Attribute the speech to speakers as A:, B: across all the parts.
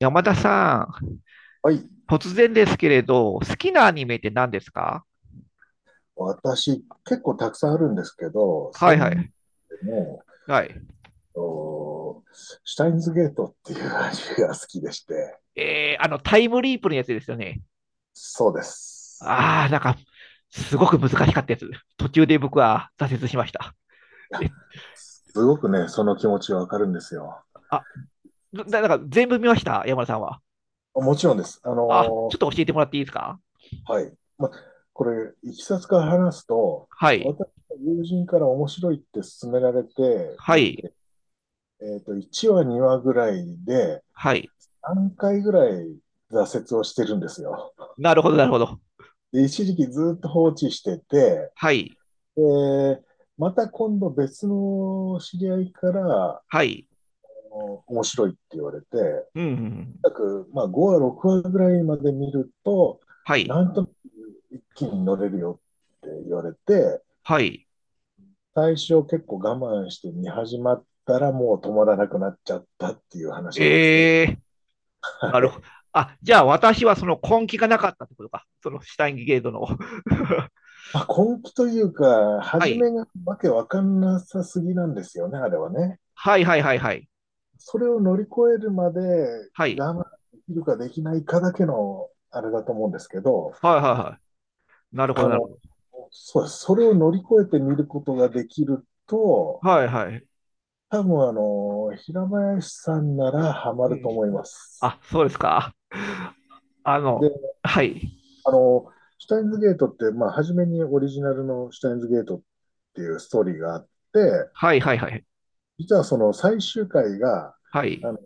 A: 山田さ
B: はい。
A: ん、突然ですけれど、好きなアニメって何ですか？
B: 私、結構たくさんあるんですけど、
A: は
B: そ
A: いは
B: んで
A: い。
B: も、
A: はい。
B: おシュタインズゲートっていう味が好きでして、
A: あの、タイムリープのやつですよね。
B: そうです。
A: ああ、なんか、すごく難しかったやつ。途中で僕は挫折しました。
B: い
A: え、
B: や、すごくね、その気持ちはわかるんですよ。
A: あ、なんか全部見ました、山田さんは？
B: もちろんです。
A: あ、ちょっと教えてもらっていいですか？
B: はい。これ、いきさつから話すと、
A: はい。
B: 私の友人から面白いって勧められて
A: は
B: 見
A: い。
B: て、1話、2話ぐらいで、
A: はい。
B: 何回ぐらい挫折をしてるんですよ。
A: なるほど、なるほど。
B: で、一時期ずっと放置してて、
A: はい。
B: で、また今度別の知り合いから、あ
A: はい。
B: の面白いって言われて、
A: うん。
B: 約、5話、6話ぐらいまで見ると、
A: はい。
B: なんと一気に乗れるよって言われて、
A: はい。
B: 最初結構我慢して見始まったらもう止まらなくなっちゃったっていう話なんですけど、
A: えー、
B: は
A: なるほ
B: い。
A: ど。あ、じゃあ私はその根気がなかったってことか。そのシュタインゲートの。
B: まあ、根気というか、
A: は
B: 初
A: い。
B: めがわけわかんなさすぎなんですよね、あれはね。
A: はいはいはいはい。
B: それを乗り越えるまで
A: はい。
B: 我慢できるかできないかだけのあれだと思うんですけど、
A: はいはいはい。なるほ
B: あ
A: どなるほ
B: の、
A: ど。
B: そうです。それを乗り越えてみることができると、
A: はいはい。
B: 多分、平林さんならハマ
A: う
B: ると
A: ん。
B: 思います。
A: あ、そうですか。あの、
B: で、
A: はい。
B: あの、シュタインズゲートって、まあ、初めにオリジナルのシュタインズゲートっていうストーリーがあって、
A: はいはいはい。
B: 実はその最終回が、
A: はい。
B: あの、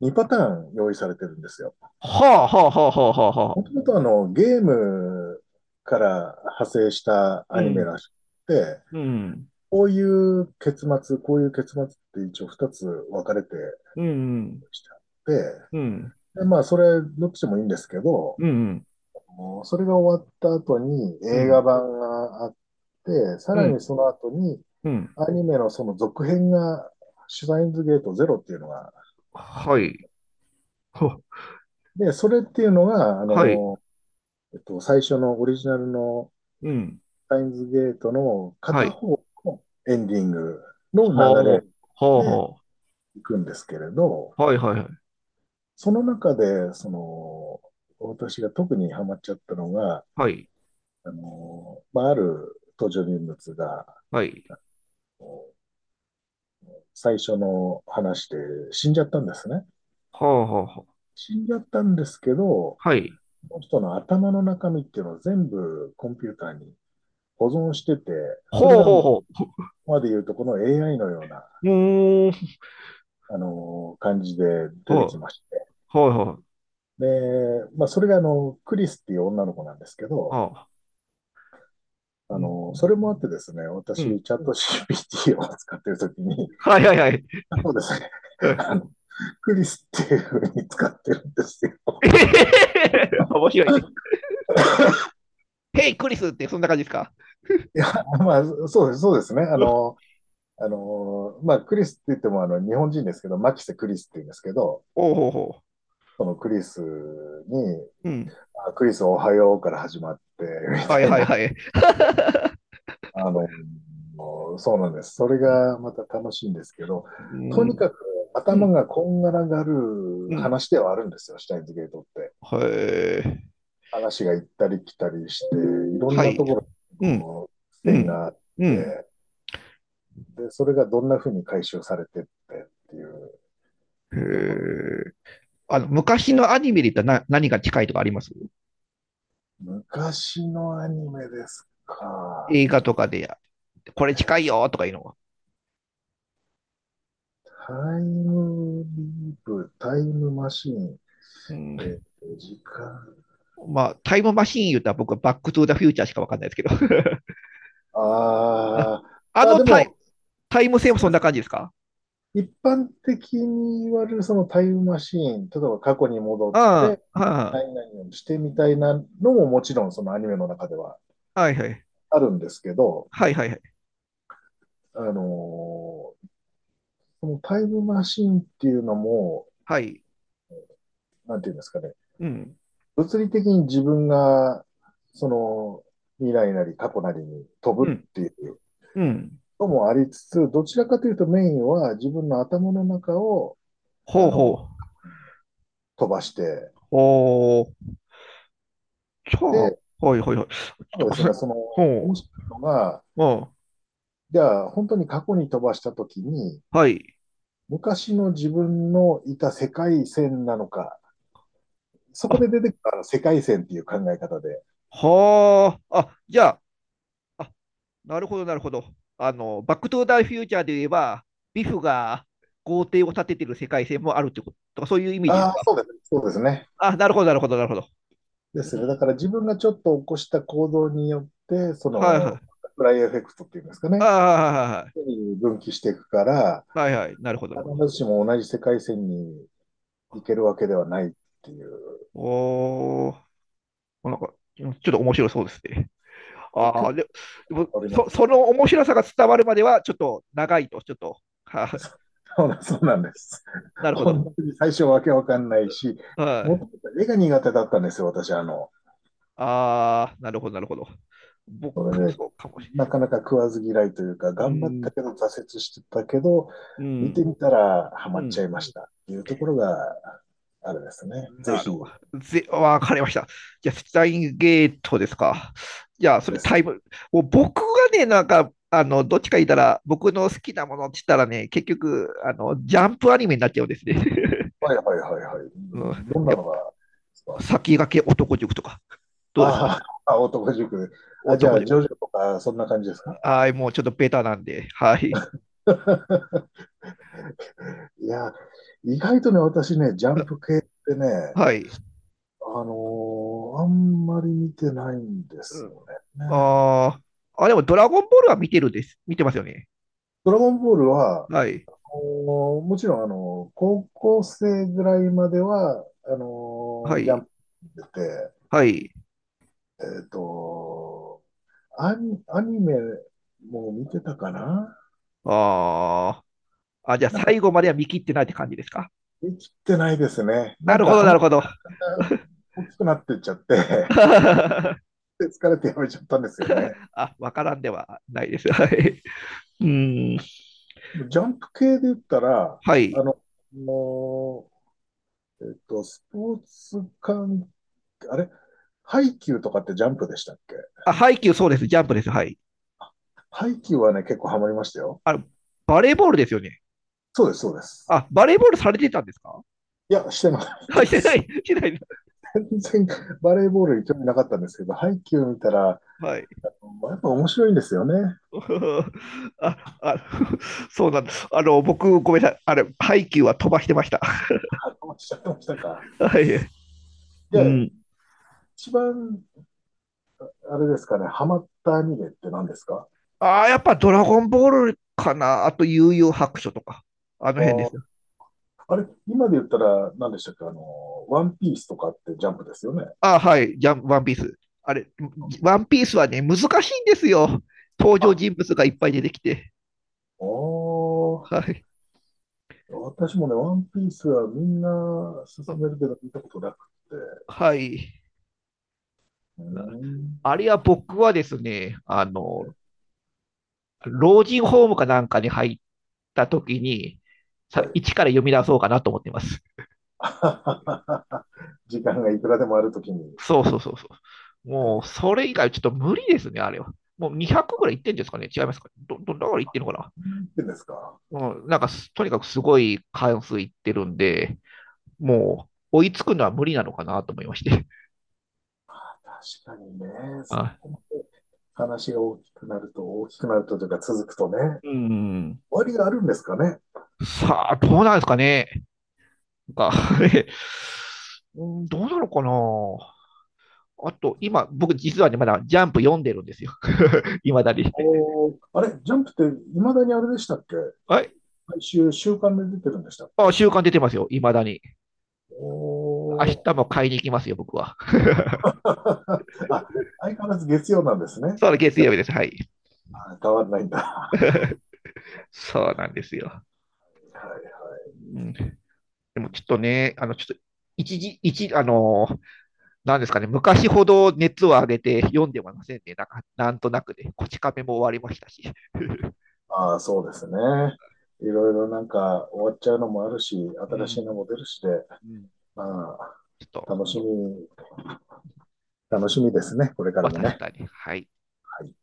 B: 2パターン用意されてるんですよ。
A: はあはあはあはあはあはあ。
B: もともと、ゲームから派生した
A: う
B: アニメ
A: ん。
B: らしくて、
A: うん。
B: こういう結末、こういう結末って一応二つ分かれて
A: うん。
B: きてあっ
A: う
B: て、
A: ん。
B: でまあ、それ、どっちでもいいんですけど、
A: うん。
B: もうそれが終わった後に
A: う
B: 映画
A: ん。
B: 版があって、さ
A: う
B: らに
A: ん。
B: その後に
A: うん。
B: アニメのその続編が、シュタインズゲートゼロっていうのが、
A: はい。ほ
B: で、それっていうのが、
A: はい。
B: 最初のオリジナルの
A: うん。
B: タインズゲートの
A: は
B: 片
A: い。
B: 方のエンディング
A: は
B: の流
A: あ。は
B: れ
A: あ
B: で
A: は
B: 行くんですけれど、
A: あ。はいはいはい。
B: その中で、私が特にハマっちゃったのが、
A: はい。
B: ある登場人物が、
A: はい。
B: 最初の話で死んじゃったんですね。
A: はあ、はあ、は
B: 死んじゃったんですけど、
A: あ。はい。
B: その人の頭の中身っていうのを全部コンピューターに保存してて、それ
A: ほう
B: が
A: ほう
B: もう、こ
A: ほ
B: こまで言うとこの AI のような、
A: う。うーん。
B: 感じで出
A: ほ
B: てき
A: う
B: まして、
A: ほうほう、
B: で、まあ、それがあの、クリスっていう女の子なんですけど、
A: ああ。
B: あ
A: うん。
B: の、それもあってですね、
A: う
B: 私、
A: ん
B: チャット GPT を使ってるときに、
A: はいはいはい。
B: そうですね、
A: うん。
B: あの、クリスっていうふうに使ってるんですよ。
A: 面白いね。ヘイクリスってそんな感じですか？
B: いや、まあ、そうです、そうですね。
A: うん
B: クリスって言っても、日本人ですけど、マキセクリスって言うんですけど、
A: ほうほうほ
B: そのクリスに、
A: う。うん。
B: あクリスおはようから始まって、み
A: はい
B: たい
A: はい
B: な
A: はい。
B: あの、そうなんです。それ
A: うん。
B: がまた楽しいんですけど、
A: う
B: とに
A: ん。
B: かく頭がこんがらが
A: う
B: る
A: ん。
B: 話ではあるんですよ、シュタインズゲートって。
A: へえ。
B: 話が行ったり来たりして、いろん
A: は
B: な
A: い。
B: ところ
A: うん。
B: の
A: う
B: 線
A: ん。
B: があっ
A: うん。
B: て、で、それがどんな風に回収されてってっていう
A: へ
B: ところ。
A: え。あの、昔のアニメで言ったら何が近いとかあります？
B: 昔のアニメですか。
A: 映画とかで、これ近いよとかいうのは。
B: タイムリープ、タイムマシーン、
A: う
B: えー
A: ん、
B: 時間。
A: まあ、タイムマシーン言うたら僕はバックトゥーザフューチャーしかわかんないですけど。
B: ああ、
A: あ
B: まあ
A: の
B: で
A: タイ
B: も、
A: タイム線もそんな感じですか？
B: 一般的に言われるそのタイムマシーン、例えば過去に戻
A: う
B: っ
A: ん、は
B: て
A: あ、
B: 何々をしてみたいなのももちろんそのアニメの中では
A: はいはい。
B: あるんですけど、
A: はいはいはい。
B: あのーそのタイムマシーンっていうのも、
A: はい。
B: なんていうんですかね、
A: うん、
B: 物理的に自分がその未来なり過去なりに飛
A: う
B: ぶっ
A: ん、
B: ていう
A: うん。
B: のもありつつ、どちらかというとメインは自分の頭の中をあ
A: ほう
B: の
A: ほう。
B: 飛ばして、
A: ほう。じゃあ、は
B: で、
A: いはいはい。ちょっ
B: た
A: と
B: だで
A: ごめん
B: す
A: な
B: ね、
A: さい。
B: その
A: ほ
B: 面白いのが、
A: う。うん。
B: じゃあ、本当に過去に飛ばしたときに、
A: はい。
B: 昔の自分のいた世界線なのか、そこ
A: あ、
B: で出てきた世界線っていう考え方で、
A: はあ。あ、じゃあ、あ、なるほどなるほど。あの、バックトゥーザフューチャーで言えば、ビフが豪邸を建ててる世界線もあるってこととか、そういうイメージ？
B: ああ、そうですね、そうですね。
A: あ、なるほど、なるほど、なるほど。
B: で
A: う
B: すね。だ
A: ん
B: から自分がちょっと起こした行動によって、
A: はいはい。
B: フライエフェクトっていうんですか
A: あ
B: ね、
A: あ、はいはいはい。
B: 分岐していくから、
A: はいはい。なるほど、なるほ
B: 必
A: ど。
B: ずしも同じ世界線に行けるわけではないっていう、
A: おー、なんか、ちょっと面白そうですね。ああ、
B: 結
A: で、でも
B: 構あります。
A: その面白さが伝わるまでは、ちょっと長いと、ちょっと、はあ、
B: そうだそうなんです。
A: なるほど。
B: 本当に最初わけわかんないし、
A: は
B: も
A: い。
B: ともと絵が苦手だったんですよ、私。
A: ああ、なるほど、なるほど。
B: そ
A: 僕も
B: れで、
A: そうかもしれな
B: な
A: い。
B: かなか食わず嫌いというか、
A: う
B: 頑張っ
A: ん、
B: たけど挫折してたけど、
A: う
B: 見
A: ん、
B: てみたらハ
A: う
B: マっち
A: ん。
B: ゃいましたっていうところがあれですね。ぜ
A: なる
B: ひ
A: ほど。わかりました。じゃあ、スタインゲートですか。じゃあ、それ
B: です。
A: タイム、もう僕がね、なんか、あの、どっちか言ったら、僕の好きなものって言ったらね、結局、あの、ジャンプアニメになっちゃうんですね。
B: はいはいはいはい。
A: うん、
B: どんな
A: やっ
B: のがです
A: ぱ、
B: か？
A: 先駆け男塾とか、どうですか？
B: ああ、男塾。
A: 男
B: あ、じゃあ、
A: 塾。
B: ジョジョとか、そんな感じですか？
A: はい、もうちょっとベタなんで、はい。
B: いや、意外とね、私ね、ジャンプ
A: あ
B: 系ってね、
A: はい。
B: あのあんまり見てないんで
A: う
B: す
A: ん
B: よね。
A: あー、あ、でも、ドラゴンボールは見てるです。見てますよね。
B: ドラゴンボールは、
A: はい。
B: もちろん、高校生ぐらいまでは、
A: は
B: ジャ
A: い。
B: ンプ出て、
A: はい。
B: えっと、アニメも見てたかな。
A: ああ。あ、じゃあ
B: なんか、
A: 最後までは見切ってないって感じですか。
B: できてないですね。
A: な
B: なん
A: るほ
B: か
A: ど、
B: 話
A: なる
B: が
A: ほど。
B: 大きくなってっちゃって、で疲れてやめちゃったんですよね。
A: あ、わからんではないです。はい。うん。
B: ジャンプ系で言ったら、
A: は
B: あ
A: い。
B: の、もうえっと、スポーツ関係、ハイキューとかってジャンプでしたっけ？
A: あ、ハイキューそうです。ジャンプです。はい。
B: ハイキューはね、結構ハマりましたよ。
A: あの、バレーボールですよね。
B: そうです、そうです。
A: あ、バレーボールされてたんですか？
B: いや、してな
A: は
B: い
A: い、し
B: で
A: てない、
B: す。
A: してない。
B: 全然バレーボールに興味なかったんですけど、ハイキュー見たら、
A: はい。
B: やっぱ面白いんですよね。
A: あ、あ、そうなんだ。あの、僕、ごめんなさい。あれ、ハイキューは飛ばしてました。
B: ハマっちゃってましたか。
A: はい。う
B: で、
A: ん。
B: 一番、あれですかね、ハマったアニメって何ですか？
A: ああ、やっぱドラゴンボールかな。あと、悠々白書とか。あの
B: あ
A: 辺で
B: ー、
A: すね。
B: あれ、今で言ったら何でしたっけ、あの、ワンピースとかってジャンプですよね。
A: あ、はい、じゃん、ワンピース。あれ、ワンピースはね、難しいんですよ。登場
B: あ、
A: 人物がいっぱい出てきて。
B: おー。
A: はい。
B: 私もね、ワンピースはみんな勧
A: あ
B: めるけど見たことなくて。
A: はい。
B: うーん。
A: あれは僕はですね、あの、老人ホームかなんかに入った時に、
B: はい。
A: 一から読み出そうかなと思ってます。
B: 時間がいくらでもあるときに。
A: そうそうそうそう。
B: は
A: も
B: い。
A: う、それ以外ちょっと無理ですね、あれは。もう200ぐらいいってんですかね、違いますかだからいってんのか
B: 何言ってんですか。
A: な。うん、なんかす、とにかくすごい関数いってるんで、もう追いつくのは無理なのかなと思いまして。
B: 確かにね、そ
A: あ
B: こまで話が大きくなると、大きくなるとというか続くとね、終
A: うん
B: わりがあるんですかね。
A: さあ、どうなんですかね。なんか うん、どうなのかな。あと、今、僕実はね、まだジャンプ読んでるんですよ。いまだに。
B: おー、あれ、ジャンプって未だにあれでしたっけ？
A: はい。
B: 毎週週刊で出てるんでしたっけ？
A: あ、週刊出てますよ。いまだに。明
B: おー。
A: 日も買いに行きますよ、僕は。
B: あ、相変わらず月曜なんですね。
A: そうだ、月
B: じゃ
A: 曜日です。はい。
B: あ、変わらないんだ。
A: そうなんですよ。
B: はいはい。
A: うん、でもちょっとね、あの、ちょっと、一時、一、あの、なんですかね、昔ほど熱を上げて読んではませんね。なんかなんとなくでね、こち亀も終わりましたし、ょ
B: ああ、そうですね。いろいろなんか終わっちゃうのもあるし、
A: う
B: 新し
A: ん。
B: いのも出るしで、ま
A: ちょっと、
B: あ、楽しみ、
A: で
B: 楽
A: す
B: しみですね。これか
A: ま
B: ら
A: あ
B: も
A: 確
B: ね。
A: かに、はい。
B: はい。